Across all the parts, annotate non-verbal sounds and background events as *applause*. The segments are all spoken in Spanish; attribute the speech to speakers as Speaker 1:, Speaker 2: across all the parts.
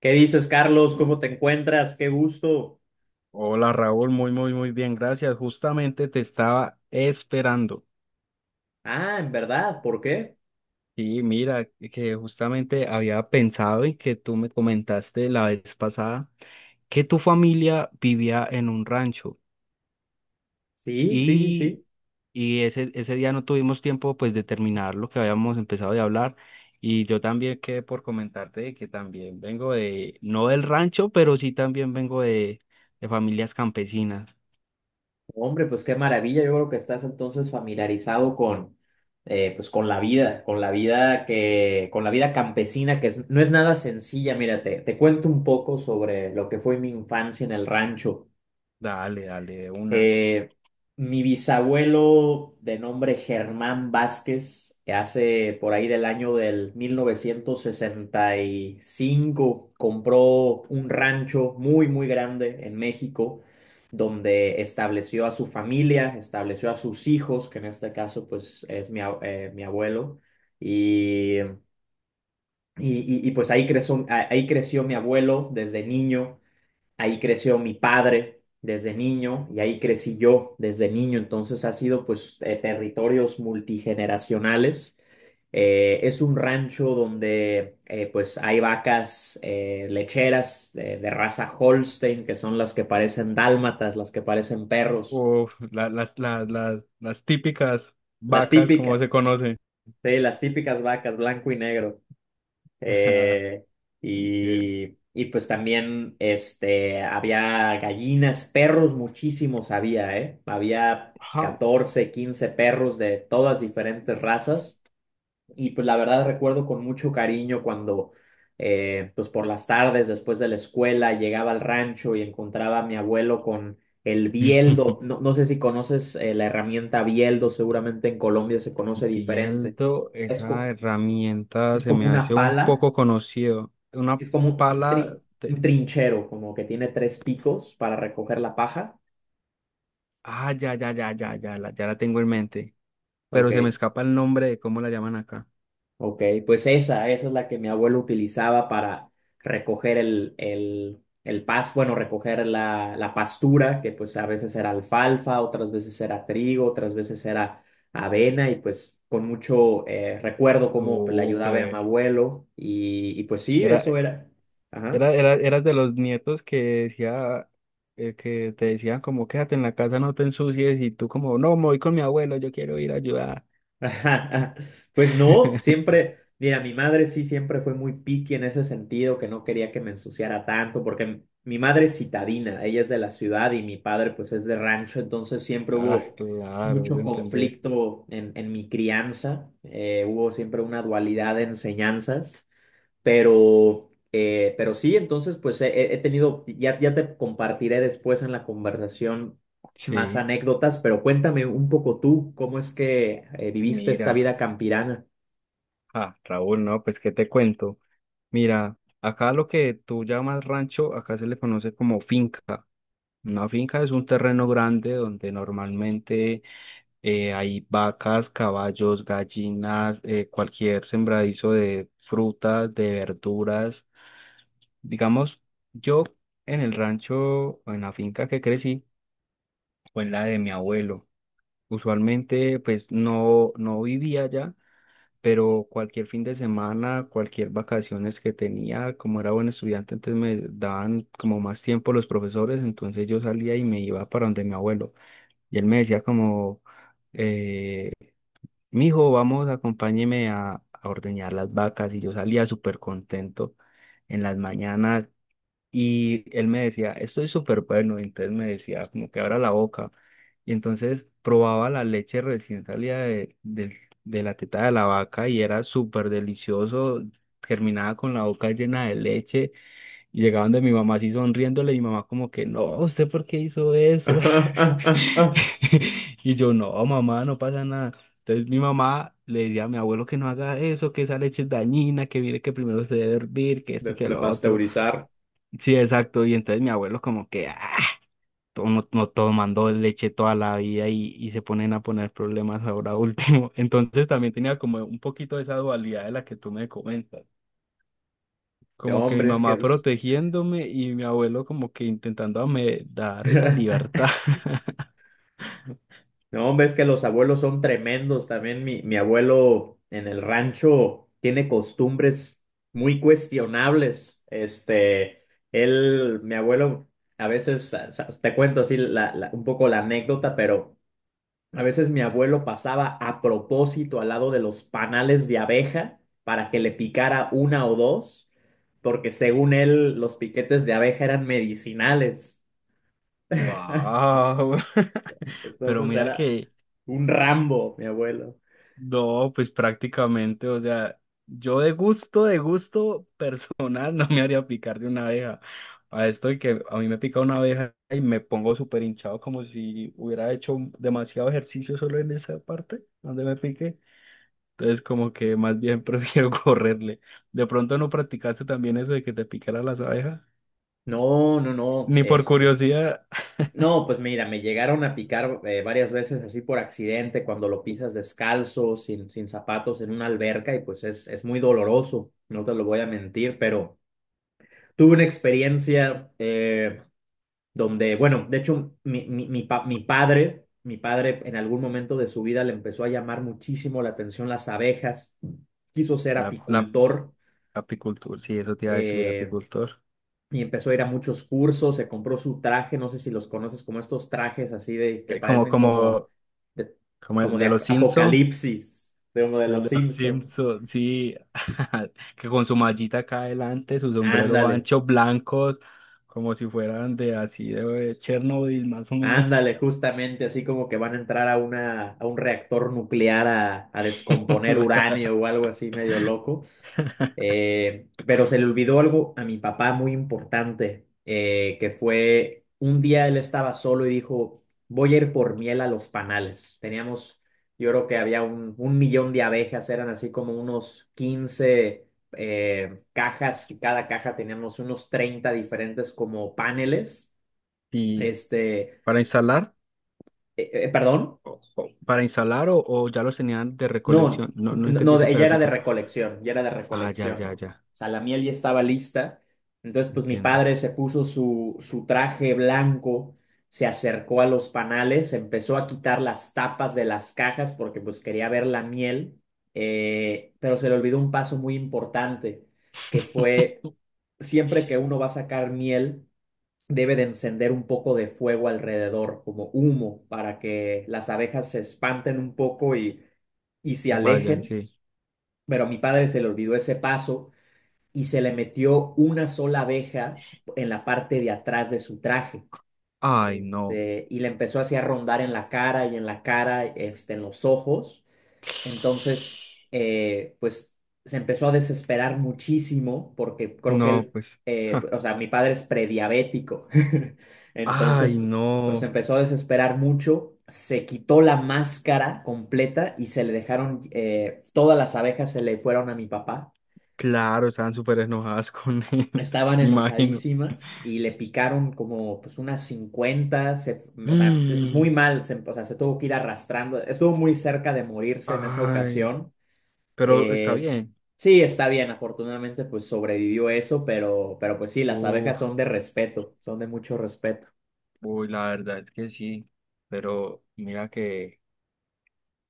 Speaker 1: ¿Qué dices, Carlos? ¿Cómo te encuentras? Qué gusto.
Speaker 2: Hola Raúl, muy, muy, muy bien, gracias. Justamente te estaba esperando.
Speaker 1: Ah, en verdad, ¿por qué?
Speaker 2: Sí, mira, que justamente había pensado y que tú me comentaste la vez pasada que tu familia vivía en un rancho
Speaker 1: Sí, sí, sí,
Speaker 2: y,
Speaker 1: sí.
Speaker 2: y ese día no tuvimos tiempo pues de terminar lo que habíamos empezado de hablar, y yo también quedé por comentarte de que también vengo de, no del rancho, pero sí también vengo de familias campesinas.
Speaker 1: Hombre, pues qué maravilla. Yo creo que estás entonces familiarizado con, pues con la vida campesina, que no es nada sencilla. Mira, te cuento un poco sobre lo que fue mi infancia en el rancho.
Speaker 2: Dale, dale, de una.
Speaker 1: Eh, Mi bisabuelo de nombre Germán Vázquez, que hace por ahí del año del 1965, compró un rancho muy, muy grande en México, donde estableció a su familia, estableció a sus hijos, que en este caso pues es mi abuelo, y, y, pues ahí creció, mi abuelo desde niño. Ahí creció mi padre desde niño y ahí crecí yo desde niño. Entonces ha sido pues territorios multigeneracionales. Es un rancho donde pues hay vacas lecheras de raza Holstein, que son las que parecen dálmatas, las que parecen perros,
Speaker 2: Uf, las típicas
Speaker 1: las
Speaker 2: vacas, como se
Speaker 1: típicas,
Speaker 2: conoce.
Speaker 1: sí, las típicas vacas blanco y negro.
Speaker 2: Ajá,
Speaker 1: Eh,
Speaker 2: entiendo.
Speaker 1: y, y pues también había gallinas, perros, muchísimos había, ¿eh? Había
Speaker 2: Ajá.
Speaker 1: 14 15 perros de todas diferentes razas. Y pues la verdad recuerdo con mucho cariño cuando, pues por las tardes después de la escuela llegaba al rancho y encontraba a mi abuelo con el bieldo.
Speaker 2: *laughs*
Speaker 1: No, no sé si conoces, la herramienta bieldo, seguramente en Colombia se conoce diferente.
Speaker 2: Viendo
Speaker 1: Es,
Speaker 2: esa
Speaker 1: co-
Speaker 2: herramienta
Speaker 1: es
Speaker 2: se
Speaker 1: como
Speaker 2: me
Speaker 1: una
Speaker 2: hace un
Speaker 1: pala,
Speaker 2: poco conocido. Una
Speaker 1: es como
Speaker 2: pala
Speaker 1: un
Speaker 2: de...
Speaker 1: trinchero, como que tiene tres picos para recoger la paja.
Speaker 2: Ah, ya, ya, ya, ya, ya, la, ya la tengo en mente.
Speaker 1: Ok,
Speaker 2: Pero se me escapa el nombre de cómo la llaman acá.
Speaker 1: ok, pues esa es la que mi abuelo utilizaba para recoger bueno, recoger la pastura, que pues a veces era alfalfa, otras veces era trigo, otras veces era avena, y pues con mucho recuerdo cómo pues, le ayudaba a mi
Speaker 2: Súper.
Speaker 1: abuelo, y pues sí,
Speaker 2: Era,
Speaker 1: eso era. Ajá.
Speaker 2: era, era, eras de los nietos que decía, que te decían como quédate en la casa, no te ensucies, y tú como, no, me voy con mi abuelo, yo quiero ir a ayudar.
Speaker 1: *laughs* Ajá, ajá. Pues no,
Speaker 2: *laughs*
Speaker 1: siempre, mira, mi madre sí siempre fue muy picky en ese sentido, que no quería que me ensuciara tanto, porque mi madre es citadina, ella es de la ciudad y mi padre pues es de rancho, entonces siempre
Speaker 2: Ah,
Speaker 1: hubo
Speaker 2: claro, de
Speaker 1: mucho
Speaker 2: entender.
Speaker 1: conflicto en mi crianza, hubo siempre una dualidad de enseñanzas. Pero sí, entonces, pues he tenido, ya te compartiré después en la conversación más
Speaker 2: Sí,
Speaker 1: anécdotas, pero cuéntame un poco tú, ¿cómo es que viviste esta
Speaker 2: mira.
Speaker 1: vida campirana?
Speaker 2: Ah, Raúl, no, pues qué te cuento. Mira, acá lo que tú llamas rancho, acá se le conoce como finca. Una finca es un terreno grande donde normalmente hay vacas, caballos, gallinas, cualquier sembradizo de frutas, de verduras. Digamos, yo en el rancho, o en la finca que crecí, o en la de mi abuelo. Usualmente, pues no, no vivía allá, pero cualquier fin de semana, cualquier vacaciones que tenía, como era buen estudiante, entonces me daban como más tiempo los profesores, entonces yo salía y me iba para donde mi abuelo. Y él me decía como, eh, mijo, vamos, acompáñeme a ordeñar las vacas. Y yo salía súper contento en las mañanas. Y él me decía, esto es súper bueno. Y entonces me decía, como que abra la boca. Y entonces probaba la leche recién salida de de la teta de la vaca y era súper delicioso. Terminaba con la boca llena de leche y llegaban de mi mamá así sonriéndole. Y mi mamá, como que, no, ¿usted por qué hizo eso?
Speaker 1: *laughs*
Speaker 2: *laughs* Y yo, no, mamá, no pasa nada. Entonces mi mamá le decía a mi abuelo que no haga eso, que esa leche es dañina, que mire que primero se debe hervir, que este
Speaker 1: De,
Speaker 2: y que
Speaker 1: de
Speaker 2: lo otro.
Speaker 1: pasteurizar,
Speaker 2: Sí, exacto. Y entonces mi abuelo como que, ah, no, no tomando leche toda la vida y se ponen a poner problemas ahora último. *laughs* Entonces también tenía como un poquito de esa dualidad de la que tú me comentas.
Speaker 1: de
Speaker 2: Como que mi
Speaker 1: hombres que
Speaker 2: mamá
Speaker 1: es.
Speaker 2: protegiéndome y mi abuelo como que intentando me dar esa
Speaker 1: *laughs*
Speaker 2: libertad. *laughs*
Speaker 1: No, ves que los abuelos son tremendos. También mi abuelo en el rancho tiene costumbres muy cuestionables. Él, mi abuelo, a veces, te cuento así un poco la anécdota, pero a veces mi abuelo pasaba a propósito al lado de los panales de abeja para que le picara una o dos, porque según él, los piquetes de abeja eran medicinales. *laughs*
Speaker 2: Wow, *laughs* pero
Speaker 1: Entonces
Speaker 2: mira
Speaker 1: era
Speaker 2: que
Speaker 1: un Rambo, mi abuelo.
Speaker 2: no, pues prácticamente, o sea, yo de gusto personal *laughs* no me haría picar de una abeja. A esto de que a mí me pica una abeja y me pongo súper hinchado como si hubiera hecho demasiado ejercicio solo en esa parte donde me pique. Entonces como que más bien *laughs* prefiero correrle. De pronto no practicaste también eso de que te picara las abejas,
Speaker 1: No, no, no,
Speaker 2: ni por
Speaker 1: este.
Speaker 2: curiosidad. *laughs*
Speaker 1: No, pues mira, me llegaron a picar varias veces así por accidente, cuando lo pisas descalzo, sin zapatos, en una alberca, y pues es muy doloroso, no te lo voy a mentir, pero tuve una experiencia donde, bueno, de hecho, mi padre en algún momento de su vida le empezó a llamar muchísimo la atención las abejas, quiso ser
Speaker 2: La
Speaker 1: apicultor,
Speaker 2: apicultura, sí, eso te iba a decir,
Speaker 1: eh,
Speaker 2: apicultor.
Speaker 1: y empezó a ir a muchos cursos, se compró su traje, no sé si los conoces, como estos trajes así de que
Speaker 2: eh, como,
Speaker 1: parecen
Speaker 2: como,
Speaker 1: de,
Speaker 2: como el de los Simpsons,
Speaker 1: apocalipsis, de uno de
Speaker 2: que el
Speaker 1: los
Speaker 2: de los
Speaker 1: Simpson.
Speaker 2: Simpson, sí, *laughs* que con su mallita acá adelante, su sombrero
Speaker 1: Ándale,
Speaker 2: ancho, blancos, como si fueran de así de Chernobyl, más o menos.
Speaker 1: ándale, justamente así como que van a entrar a una a un reactor nuclear a descomponer
Speaker 2: *laughs*
Speaker 1: uranio o algo así medio loco. Pero se le olvidó algo a mi papá muy importante, que fue un día él estaba solo y dijo, voy a ir por miel a los panales. Teníamos, yo creo que había un millón de abejas, eran así como unos 15 cajas y cada caja teníamos unos 30 diferentes como paneles,
Speaker 2: Y
Speaker 1: este, eh,
Speaker 2: para instalar,
Speaker 1: perdón.
Speaker 2: para instalar o ya los tenían de
Speaker 1: No,
Speaker 2: recolección. No, no
Speaker 1: no,
Speaker 2: entendí
Speaker 1: no,
Speaker 2: ese
Speaker 1: ella era de
Speaker 2: pedacito.
Speaker 1: recolección, ya era de
Speaker 2: Ah, ya,
Speaker 1: recolección, ¿no?
Speaker 2: ya,
Speaker 1: O
Speaker 2: ya.
Speaker 1: sea, la miel ya estaba lista. Entonces, pues mi
Speaker 2: Entiendo.
Speaker 1: padre se puso su traje blanco, se acercó a los panales, empezó a quitar las tapas de las cajas porque pues quería ver la miel, pero se le olvidó un paso muy importante, que fue siempre que uno va a sacar miel, debe de encender un poco de fuego alrededor, como humo, para que las abejas se espanten un poco y se
Speaker 2: Vayan,
Speaker 1: alejen.
Speaker 2: sí.
Speaker 1: Pero a mi padre se le olvidó ese paso y se le metió una sola abeja en la parte de atrás de su traje.
Speaker 2: Ay, no.
Speaker 1: Y le empezó así a rondar en la cara y en la cara, en los ojos. Entonces,
Speaker 2: *sniffs* *sighs*
Speaker 1: pues se empezó a desesperar muchísimo porque creo que
Speaker 2: No,
Speaker 1: él,
Speaker 2: pues. Ja.
Speaker 1: o sea, mi padre es prediabético. *laughs*
Speaker 2: Ay,
Speaker 1: Entonces, pues se
Speaker 2: no.
Speaker 1: empezó a desesperar mucho, se quitó la máscara completa y se le dejaron, todas las abejas se le fueron a mi papá.
Speaker 2: Claro, estaban súper enojadas con él, *laughs*
Speaker 1: Estaban
Speaker 2: me imagino.
Speaker 1: enojadísimas y le picaron como pues unas 50 o sea, es muy
Speaker 2: Mm,
Speaker 1: mal, o sea, se tuvo que ir arrastrando, estuvo muy cerca de morirse en esa
Speaker 2: ay,
Speaker 1: ocasión.
Speaker 2: pero está
Speaker 1: Eh,
Speaker 2: bien.
Speaker 1: sí, está bien, afortunadamente pues sobrevivió eso, pero pues sí, las abejas
Speaker 2: Uf,
Speaker 1: son de respeto, son de mucho respeto.
Speaker 2: uy, la verdad es que sí. Pero mira que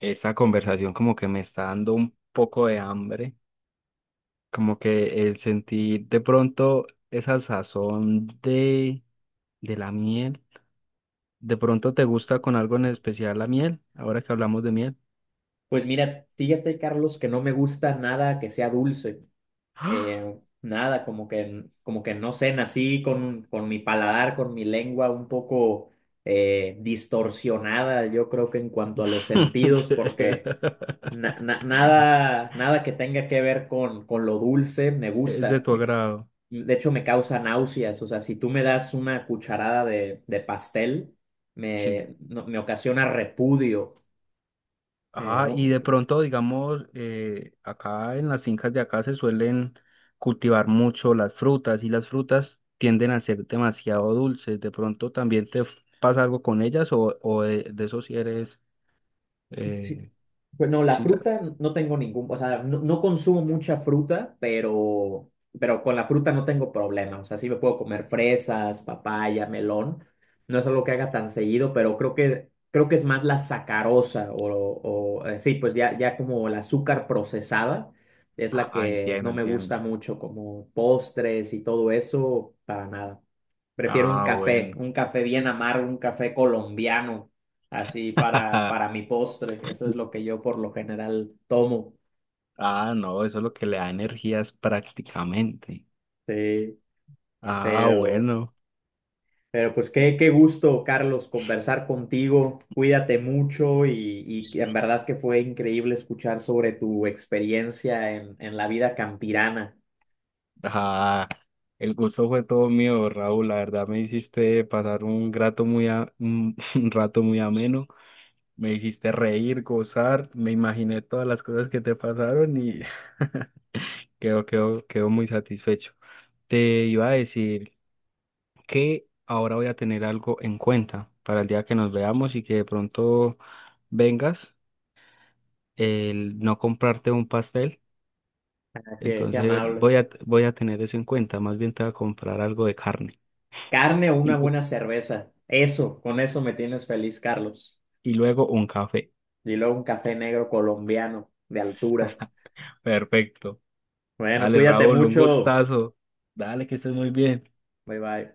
Speaker 2: esa conversación como que me está dando un poco de hambre. Como que el sentir de pronto esa sazón de la miel. ¿De pronto te gusta con algo en especial la miel? Ahora que hablamos de miel.
Speaker 1: Pues mira, fíjate, Carlos, que no me gusta nada que sea dulce,
Speaker 2: ¡Ah!
Speaker 1: eh, nada, como que no sé, nací con mi paladar, con mi lengua un poco distorsionada, yo creo que en cuanto a los sentidos, porque
Speaker 2: *laughs*
Speaker 1: nada que tenga que ver con lo dulce me
Speaker 2: Es de
Speaker 1: gusta.
Speaker 2: tu agrado.
Speaker 1: De hecho, me causa náuseas. O sea, si tú me das una cucharada de pastel,
Speaker 2: Sí.
Speaker 1: me ocasiona repudio.
Speaker 2: Ah, y
Speaker 1: No,
Speaker 2: de pronto, digamos, acá en las fincas de acá se suelen cultivar mucho las frutas y las frutas tienden a ser demasiado dulces. De pronto también pasa algo con ellas o de eso si eres... Eh,
Speaker 1: pues no, la
Speaker 2: sí, la-
Speaker 1: fruta no tengo ningún, o sea, no consumo mucha fruta, pero con la fruta no tengo problema. O sea, sí me puedo comer fresas, papaya, melón. No es algo que haga tan seguido, pero creo que es más la sacarosa sí, pues ya como el azúcar procesada es la
Speaker 2: Ah,
Speaker 1: que
Speaker 2: entiendo,
Speaker 1: no me
Speaker 2: entiendo.
Speaker 1: gusta mucho, como postres y todo eso, para nada. Prefiero
Speaker 2: Ah, bueno.
Speaker 1: un café bien amargo, un café colombiano así para,
Speaker 2: *laughs*
Speaker 1: para mi postre. Eso es lo que yo por lo general tomo.
Speaker 2: Ah, no, eso es lo que le da energías prácticamente.
Speaker 1: Sí,
Speaker 2: Ah,
Speaker 1: pero,
Speaker 2: bueno.
Speaker 1: pero pues qué gusto, Carlos, conversar contigo. Cuídate mucho y en verdad que fue increíble escuchar sobre tu experiencia en la vida campirana.
Speaker 2: Ah, el gusto fue todo mío, Raúl. La verdad me hiciste pasar un un *laughs* un rato muy ameno. Me hiciste reír, gozar. Me imaginé todas las cosas que te pasaron y *laughs* quedo muy satisfecho. Te iba a decir que ahora voy a tener algo en cuenta para el día que nos veamos y que de pronto vengas, el no comprarte un pastel.
Speaker 1: Qué
Speaker 2: Entonces
Speaker 1: amable.
Speaker 2: voy a, voy a tener eso en cuenta. Más bien te voy a comprar algo de carne.
Speaker 1: Carne o una buena
Speaker 2: *laughs*
Speaker 1: cerveza. Eso, con eso me tienes feliz, Carlos.
Speaker 2: Y luego un café.
Speaker 1: Y luego un café negro colombiano de altura.
Speaker 2: *laughs* Perfecto.
Speaker 1: Bueno,
Speaker 2: Dale,
Speaker 1: cuídate
Speaker 2: Raúl, un
Speaker 1: mucho.
Speaker 2: gustazo. Dale, que estés muy bien.
Speaker 1: Bye bye.